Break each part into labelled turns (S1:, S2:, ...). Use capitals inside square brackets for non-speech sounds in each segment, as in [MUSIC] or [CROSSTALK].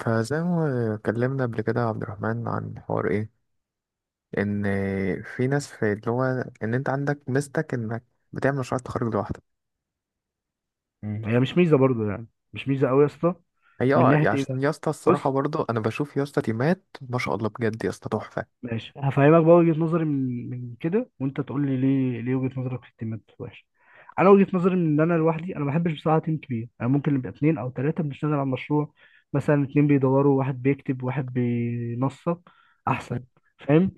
S1: فزي ما اتكلمنا قبل كده يا عبد الرحمن عن حوار ايه، ان في ناس في اللي هو ان انت عندك ميزتك انك بتعمل مشروع تخرج لوحدك.
S2: هي مش ميزه برضو يعني، مش ميزه قوي يا اسطى.
S1: هي
S2: من
S1: يعني
S2: ناحيه ايه
S1: عشان
S2: بقى؟
S1: يا اسطى الصراحه
S2: بص.
S1: برضو، انا بشوف يا اسطى تيمات ما شاء الله، بجد يا اسطى تحفه.
S2: ماشي، هفهمك بقى وجهه نظري من كده وانت تقول لي ليه وجهه نظرك في التيمات وحشه. انا وجهه نظري من ان انا لوحدي، انا ما بحبش بصراحه تيم كبير. انا ممكن نبقى اتنين او تلاته بنشتغل على المشروع، مثلا اتنين بيدوروا، واحد بيكتب، واحد بينسق،
S1: مم.
S2: احسن. فاهم؟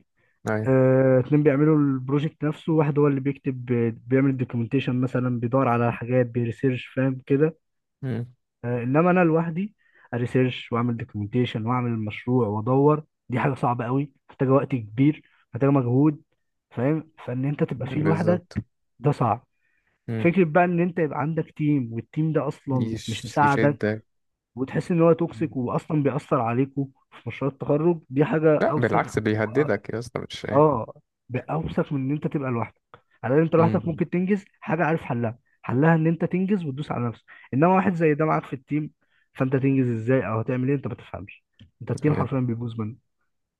S1: أيوة.
S2: اتنين بيعملوا البروجكت نفسه، واحد هو اللي بيكتب، بيعمل الدوكيومنتيشن مثلا، بيدور على حاجات، بيريسيرش. فاهم كده؟
S1: مم.
S2: انما انا لوحدي اريسيرش واعمل دوكيومنتيشن واعمل مشروع وادور، دي حاجه صعبه قوي، محتاجه وقت كبير، محتاجه مجهود. فاهم؟ فان انت تبقى فيه
S1: بالظبط.
S2: لوحدك، ده صعب.
S1: مم.
S2: فكرة بقى ان انت يبقى عندك تيم، والتيم ده اصلا مش مساعدك
S1: يشدك.
S2: وتحس ان هو
S1: مم.
S2: توكسيك واصلا بيأثر عليكوا في مشروع التخرج، دي حاجة
S1: لا
S2: اوسخ.
S1: بالعكس، بيهددك يا اسطى مش ايه.
S2: اه، باوسخ من ان انت تبقى لوحدك. على ان انت لوحدك
S1: مم.
S2: ممكن تنجز حاجه، عارف حلها؟ حلها ان انت تنجز وتدوس على نفسك، انما واحد زي ده معاك في التيم، فانت تنجز ازاي او هتعمل ايه؟ انت ما تفهمش، انت التيم
S1: أيوة.
S2: حرفيا بيبوظ منك.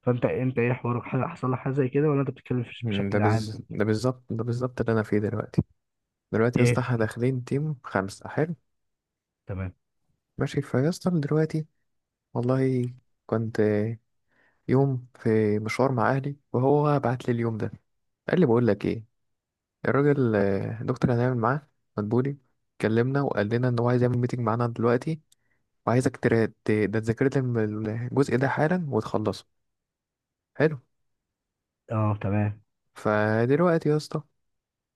S2: فانت، انت ايه حوارك؟ حاجه حصل لك حاجه زي كده ولا انت بتتكلم
S1: مم.
S2: بشكل عام؟
S1: ده بالظبط اللي انا فيه دلوقتي. دلوقتي يا اسطى
S2: ايه
S1: احنا داخلين تيم خمسة. حلو.
S2: تمام.
S1: ماشي فيا اسطى دلوقتي. والله كنت يوم في مشوار مع أهلي، وهو بعت لي اليوم ده، قال لي بقول لك إيه؟ الراجل الدكتور اللي هنعمل معاه، مدبولي، كلمنا وقال لنا إن هو عايز يعمل ميتنج معانا دلوقتي، وعايزك ترا- ت- ده تذاكر لي الجزء ده حالا وتخلصه. حلو.
S2: اه تمام.
S1: فدلوقتي يا اسطى،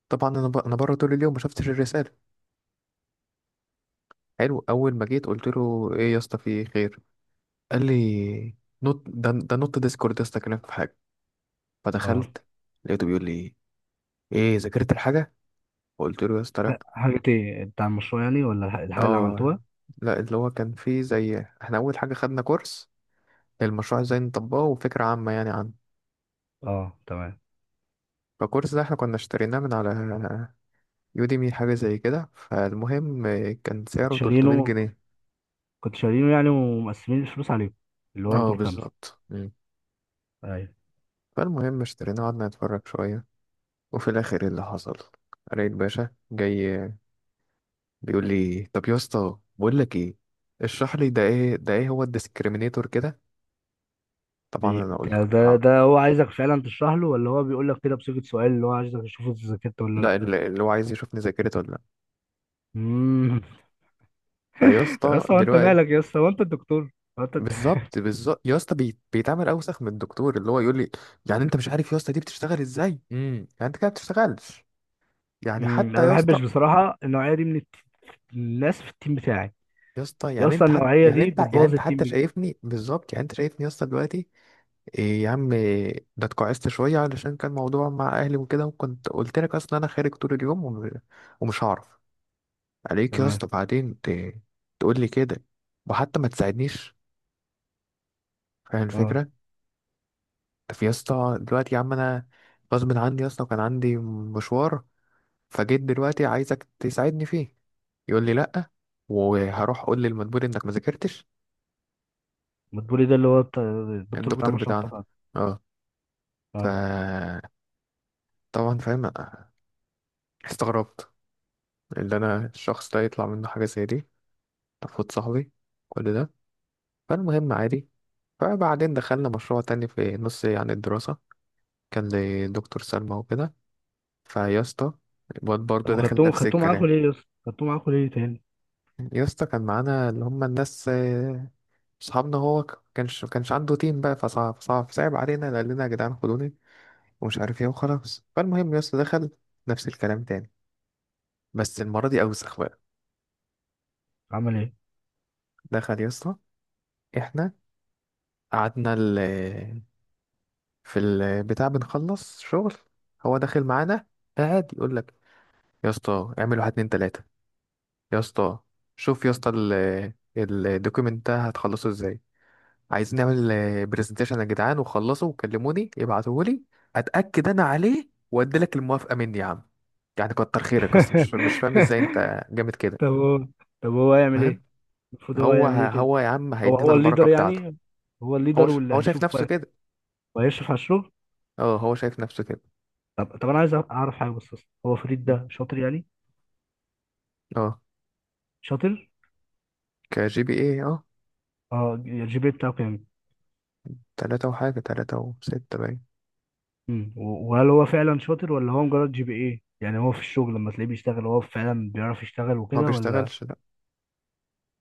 S1: طبعا أنا بره طول اليوم، ما شفتش الرسالة. حلو، أول ما جيت قلت له إيه يا اسطى في خير، قال لي نط ده ده نط ديسكورد يا اسطى، كلمك في حاجة.
S2: اه،
S1: فدخلت، لقيته بيقول لي إيه، ذاكرت الحاجة؟ فقلت له يا اسطى لا.
S2: حاجه ايه، بتاع المشروع يعني ولا الحاجه اللي عملتوها؟
S1: اه، لا اللي هو كان فيه زي، احنا اول حاجه خدنا كورس المشروع ازاي نطبقه وفكره عامه يعني عنه.
S2: اه تمام.
S1: فالكورس ده احنا كنا اشتريناه من على يوديمي، حاجه زي كده، فالمهم كان
S2: كنت
S1: سعره 300
S2: شارينه؟
S1: جنيه
S2: كنت شارينه يعني ومقسمين الفلوس عليكم، اللي هو
S1: اه
S2: انتوا الخمسه؟
S1: بالظبط. مم.
S2: ايوه.
S1: فالمهم اشتريناه، قعدنا نتفرج شويه، وفي الاخر إيه اللي حصل؟ لقيت باشا جاي بيقول لي طب يا اسطى بقول لك ايه، اشرح لي ده ايه، ده ايه هو الديسكريمينيتور كده. طبعا
S2: بي...
S1: انا قلت
S2: ده ده
S1: آه.
S2: ده هو عايزك فعلا تشرح له ولا هو بيقول لك كده بصيغة سؤال اللي هو عايزك تشوف اذا ذاكرت ولا
S1: لا
S2: لا؟
S1: اللي هو عايز يشوفني ذاكرته.
S2: امم.
S1: ما يا
S2: [LAUGHS] طب يا
S1: اسطى
S2: اسطى، هو انت
S1: دلوقتي.
S2: مالك يا اسطى؟ هو انت الدكتور؟ هو انت.
S1: بالظبط بالظبط يا اسطى، بيتعمل اوسخ من الدكتور، اللي هو يقول لي يعني انت مش عارف يا اسطى دي بتشتغل ازاي، يعني انت كده ما بتشتغلش. يعني
S2: امم، انا
S1: حتى
S2: ما
S1: يا
S2: بحبش
S1: اسطى،
S2: بصراحة النوعية دي من الناس في التيم بتاعي.
S1: يا اسطى
S2: يا
S1: يعني
S2: اسطى
S1: انت حتى
S2: النوعية
S1: يعني
S2: دي
S1: انت يعني
S2: بتبوظ
S1: انت
S2: التيم
S1: حتى
S2: بجد.
S1: شايفني بالظبط، يعني انت شايفني يا اسطى دلوقتي. إيه يا عم إيه، ده اتكعست شويه علشان كان موضوع مع اهلي وكده، وكنت قلت لك اصلا انا خارج طول اليوم، ومش هعرف عليك يا اسطى،
S2: تمام
S1: بعدين تقول لي كده، وحتى ما تساعدنيش، فاهم
S2: اه.
S1: الفكره؟ في يا اسطى دلوقتي يا عم، انا غصب عني يا اسطى، وكان عندي مشوار، فجيت دلوقتي عايزك تساعدني فيه، يقول لي لا، وهروح اقول للمدبور انك ما ذاكرتش.
S2: بتقولي ده اللي هو الدكتور بتاع
S1: الدكتور
S2: مشروع
S1: بتاعنا،
S2: التخرج؟
S1: اه. ف
S2: اه.
S1: طبعا فاهم، استغربت اللي انا الشخص ده يطلع منه حاجه زي دي، تفوت صاحبي كل ده. فالمهم عادي. فبعدين دخلنا مشروع تاني في نص يعني الدراسه، كان لدكتور سلمى وكده. فيا اسطى الواد
S2: طب،
S1: برضه داخل
S2: وخدتوه
S1: نفس
S2: خدتوه معاكوا
S1: الكلام.
S2: ليه يا اسطى؟ خدتوه معاكوا ليه تاني؟
S1: يا اسطى كان معانا اللي هم الناس صحابنا، هو كانش عنده تيم بقى، فصعب صعب صعب علينا، قال لنا يا جدعان خدوني ومش عارف ايه وخلاص. فالمهم يا اسطى دخل نفس الكلام تاني، بس المرة دي أوسخ بقى.
S2: عمل ايه؟
S1: دخل يا اسطى. احنا قعدنا في البتاع بنخلص شغل، هو داخل معانا، قاعد يقول لك يا اسطى اعمل واحد اتنين تلاتة، يا اسطى شوف يا اسطى الدوكيمنت ده هتخلصه ازاي، عايزين نعمل برزنتيشن يا جدعان، وخلصوا وكلموني ابعتوهولي، اتاكد انا عليه وادي لك الموافقه مني يا عم، يعني كتر خيرك اصلا، مش فاهم ازاي انت جامد
S2: [LAUGHS]
S1: كده.
S2: طب هو طب هو هيعمل ايه؟
S1: فاهم.
S2: المفروض هو
S1: هو
S2: هيعمل ايه كده؟
S1: هو يا عم
S2: هو
S1: هيدينا
S2: هو
S1: البركه
S2: الليدر
S1: بتاعته.
S2: يعني؟ هو الليدر واللي
S1: هو شايف
S2: هيشوف
S1: نفسه كده.
S2: وهيشرف على الشغل.
S1: اه هو شايف نفسه كده.
S2: طب، طب انا عايز اعرف حاجه بس بس. هو فريد ده شاطر يعني؟
S1: اه.
S2: شاطر؟
S1: كجي بي ايه، اه.
S2: اه، GPA بتاعه كام؟
S1: تلاتة وحاجة، تلاتة وستة باين.
S2: وهل هو فعلا شاطر ولا هو مجرد GPA؟ يعني هو في الشغل لما تلاقيه بيشتغل، هو فعلا بيعرف يشتغل
S1: هو
S2: وكده ولا؟
S1: بيشتغلش، لا.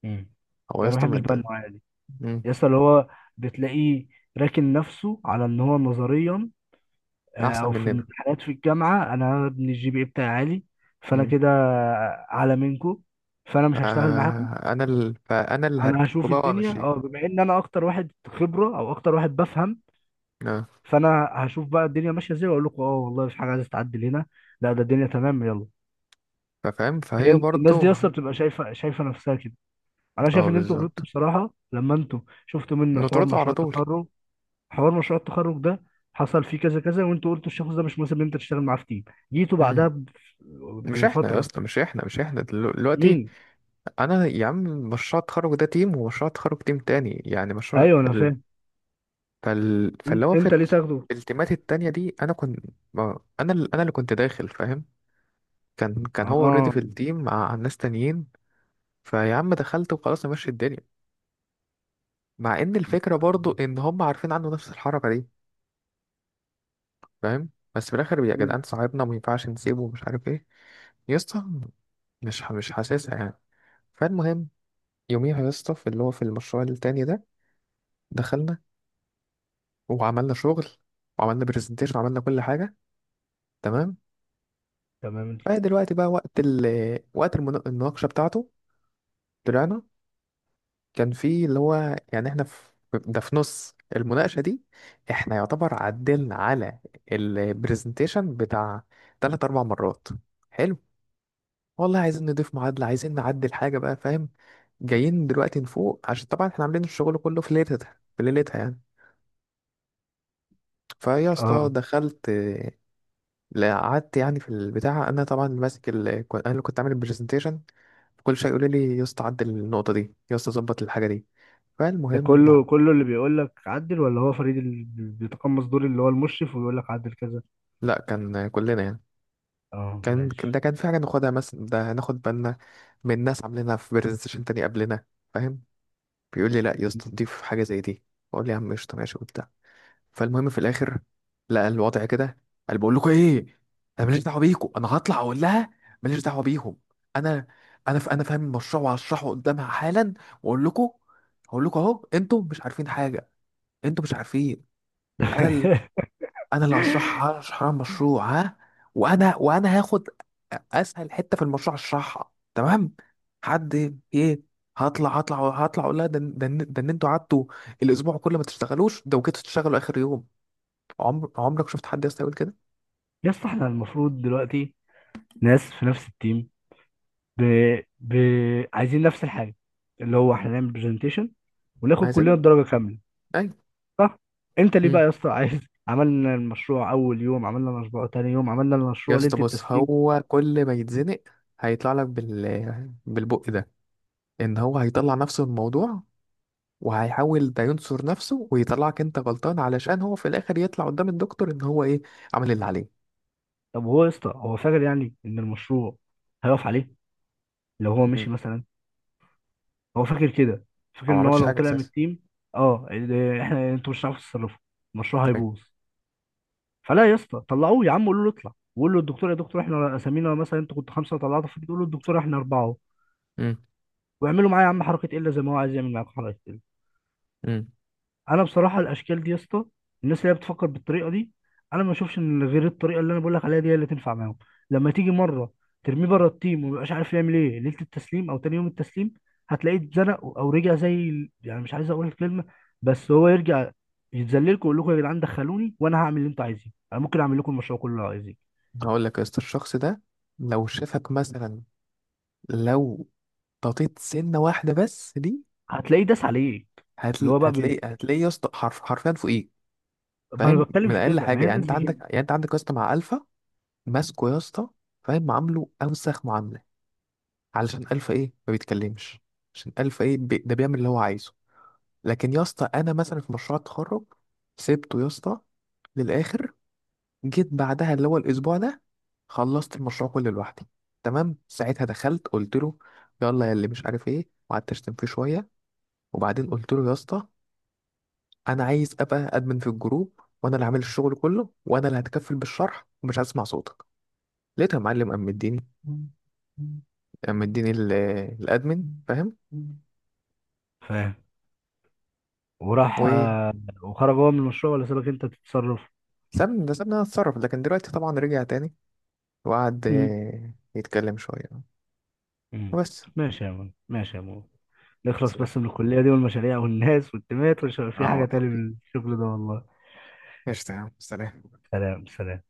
S2: امم،
S1: هو يا
S2: انا ما
S1: اسطى
S2: بحبش بقى
S1: مد-.
S2: النوعيه دي.
S1: مم.
S2: يس اللي هو بتلاقيه راكن نفسه على ان هو نظريا
S1: أحسن
S2: او في
S1: مننا.
S2: الامتحانات في الجامعه، انا ابن GPA بتاعي عالي، فانا
S1: مم.
S2: كده اعلى منكم، فانا مش هشتغل معاكم.
S1: فأنا اللي
S2: انا
S1: هركبه
S2: هشوف
S1: بقى
S2: الدنيا، اه،
S1: وأمشيكوا.
S2: بما ان انا اكتر واحد خبره او اكتر واحد بفهم، فانا هشوف بقى الدنيا ماشيه ازاي واقول لكم اه والله في حاجه عايزه تعدل هنا، لا ده الدنيا تمام يلا.
S1: فاهم، فهي
S2: هي الناس
S1: برضو.
S2: دي اصلا بتبقى شايفه شايفه نفسها كده. انا شايف
S1: اه
S2: ان انتوا غلطتوا
S1: بالظبط.
S2: بصراحه لما انتوا شفتوا منه حوار
S1: نطرده على
S2: مشروع
S1: طول.
S2: التخرج. حوار مشروع التخرج ده حصل فيه كذا كذا وانتوا قلتوا الشخص ده مش مناسب ان انت تشتغل معاه في تيم. جيتوا بعدها
S1: مم. مش احنا يا
S2: بفتره.
S1: اسطى مش احنا مش احنا دلو- دلوقتي.
S2: مين؟
S1: انا يا عم مشروع التخرج ده تيم، ومشروع التخرج تيم تاني، يعني مشروع
S2: ايوه انا فاهم.
S1: فاللي هو
S2: انت ليه تاخده؟
S1: في التيمات التانية دي، انا كنت انا اللي كنت داخل، فاهم. كان هو اوريدي
S2: اه.
S1: في التيم مع ناس تانيين. فيا عم دخلت وخلاص ماشي الدنيا، مع ان
S2: م-
S1: الفكرة برضو ان هم عارفين عنه نفس الحركة دي، فاهم. بس في الاخر يا
S2: م-
S1: جدعان صاحبنا، وما ينفعش نسيبه ومش عارف ايه، يا اسطى مش حاسسها يعني. فالمهم يوميها يا اسطى في اللي هو في المشروع التاني ده، دخلنا وعملنا شغل، وعملنا برزنتيشن، وعملنا كل حاجة، تمام.
S2: تمام
S1: فهي دلوقتي بقى وقت وقت المناقشة بتاعته. طلعنا. كان في اللي هو يعني احنا في ده في نص المناقشة دي، احنا يعتبر عدلنا على البرزنتيشن بتاع تلات أربع مرات. حلو. والله عايزين نضيف معادلة، عايزين نعدل حاجة بقى، فاهم. جايين دلوقتي نفوق عشان طبعا احنا عاملين الشغل كله في ليلتها، في ليلتها يعني. فيا اسطى
S2: اه.
S1: دخلت، لا، قعدت يعني في البتاع، انا طبعا اللي ماسك انا اللي كنت عامل البرزنتيشن. كل شويه يقول لي يا اسطى عدل النقطة دي، يا اسطى ظبط الحاجة دي.
S2: ده
S1: فالمهم.
S2: كله كله اللي بيقول لك عدل ولا هو فريد اللي بيتقمص دور اللي هو المشرف ويقول لك عدل كذا؟
S1: لا كان كلنا يعني.
S2: اه ماشي.
S1: ده كان في حاجة ناخدها مثلا، ده هناخد بالنا من ناس عاملينها في برزنتيشن تاني قبلنا، فاهم. بيقول لي لا يا اسطى ضيف حاجة زي دي، بقول لي يا عم قشطة، ماشي وبتاع. فالمهم في الاخر لقى الوضع كده، قال بقول لكم ايه، انا ماليش دعوه بيكم، انا هطلع اقول لها، ماليش دعوه بيهم، انا انا فاهم المشروع وهشرحه قدامها حالا، واقول لكم، هقول لكم اهو انتوا مش عارفين حاجه، انتوا مش عارفين. انا ال...
S2: [LAUGHS]
S1: انا اللي هشرحها، هشرح لها المشروع ها، وانا هاخد اسهل حته في المشروع اشرحها، تمام. حد ايه. هطلع اقول لها ده ان انتوا قعدتوا الاسبوع كله ما تشتغلوش ده، وجيتوا تشتغلوا اخر يوم. عمرك شفت حد يا اسطى يقول كده؟
S2: يا اسطى، احنا المفروض دلوقتي، ناس في نفس التيم، ب... ب... عايزين نفس الحاجه، اللي هو احنا نعمل برزنتيشن وناخد كلنا
S1: عايزين.
S2: الدرجه كامله،
S1: ايوه.
S2: صح؟ انت ليه بقى
S1: امم.
S2: يا اسطى عايز عملنا المشروع اول يوم، عملنا المشروع تاني يوم، عملنا
S1: يا
S2: المشروع ليله
S1: اسطى بص،
S2: التسليم؟
S1: هو كل ما يتزنق هيطلع لك بالبق ده، ان هو هيطلع نفسه من الموضوع، وهيحاول ده ينصر نفسه ويطلعك انت غلطان علشان هو في الاخر يطلع قدام الدكتور ان هو ايه، عمل اللي عليه.
S2: طب هو يا اسطى، هو فاكر يعني ان المشروع هيقف عليه لو هو
S1: مم.
S2: مشي مثلا؟ هو فاكر كده؟ فاكر
S1: او ما
S2: ان هو
S1: عملش
S2: لو
S1: حاجه
S2: طلع من
S1: اساسا.
S2: التيم، اه احنا انتوا مش هتعرفوا تتصرفوا، المشروع هيبوظ؟ فلا يا اسطى، طلعوه يا عم، قولوا له اطلع، وقول له الدكتور، يا دكتور احنا اسامينا مثلا، انتوا كنتوا خمسه وطلعتوا في تقول له الدكتور احنا اربعه.
S1: امم.
S2: واعملوا معايا يا عم حركه الا زي ما هو عايز يعمل معاكم حركه.
S1: امم.
S2: انا بصراحه الاشكال دي يا اسطى، الناس اللي هي بتفكر بالطريقه دي، انا ما اشوفش ان غير الطريقه اللي انا بقول لك عليها دي هي اللي تنفع معاهم. لما تيجي مره ترميه بره التيم ومبقاش عارف يعمل ايه ليله التسليم او تاني يوم التسليم، هتلاقيه اتزنق او رجع زي يعني مش عايز اقول الكلمه، بس هو يرجع يتذللكم ويقول لكم يا جدعان دخلوني وانا هعمل اللي انتوا عايزينه، انا ممكن اعمل لكم المشروع كله اللي عايزينه.
S1: هقول لك يا اسطى الشخص ده لو شافك مثلا، لو ططيت سنه واحده بس دي،
S2: هتلاقيه داس عليك. اللي
S1: هتل...
S2: هو بقى
S1: هتلاقي هتلاقي يا اسطى حرفيا فوقيك.
S2: ما انا
S1: فاهم،
S2: بتكلم
S1: من
S2: في
S1: اقل
S2: كده، ما
S1: حاجه،
S2: هي
S1: يعني
S2: الناس
S1: انت
S2: دي كده.
S1: عندك يعني انت عندك يا اسطى مع الفا، ماسكه يا اسطى، فاهم، عامله اوسخ معامله، علشان الفا ايه ما بيتكلمش، عشان الفا ايه ده بيعمل اللي هو عايزه. لكن يا اسطى انا مثلا في مشروع التخرج سبته يا اسطى للاخر، جيت بعدها اللي هو الاسبوع ده خلصت المشروع كله لوحدي، تمام. ساعتها دخلت قلت له يلا يا اللي مش عارف ايه، وقعدت اشتم فيه شويه، وبعدين قلت له يا اسطى انا عايز ابقى ادمن في الجروب، وانا اللي عامل الشغل كله، وانا اللي هتكفل بالشرح، ومش هسمع صوتك. لقيتها يا معلم، قام مديني الادمن، فاهم.
S2: فاهم؟ وراح
S1: وسابني.
S2: وخرج هو من المشروع ولا سابك انت تتصرف؟
S1: ده سابني انا اتصرف، لكن دلوقتي طبعا رجع تاني، وقعد يتكلم شويه
S2: مم.
S1: وبس.
S2: ماشي يا مول، ماشي يا مول، نخلص
S1: سلام.
S2: بس من الكلية دي والمشاريع والناس والتيمات ومش هيبقى في
S1: اه
S2: حاجة
S1: والله.
S2: تاني من الشغل ده والله.
S1: ايش، تمام، سلام.
S2: سلام سلام.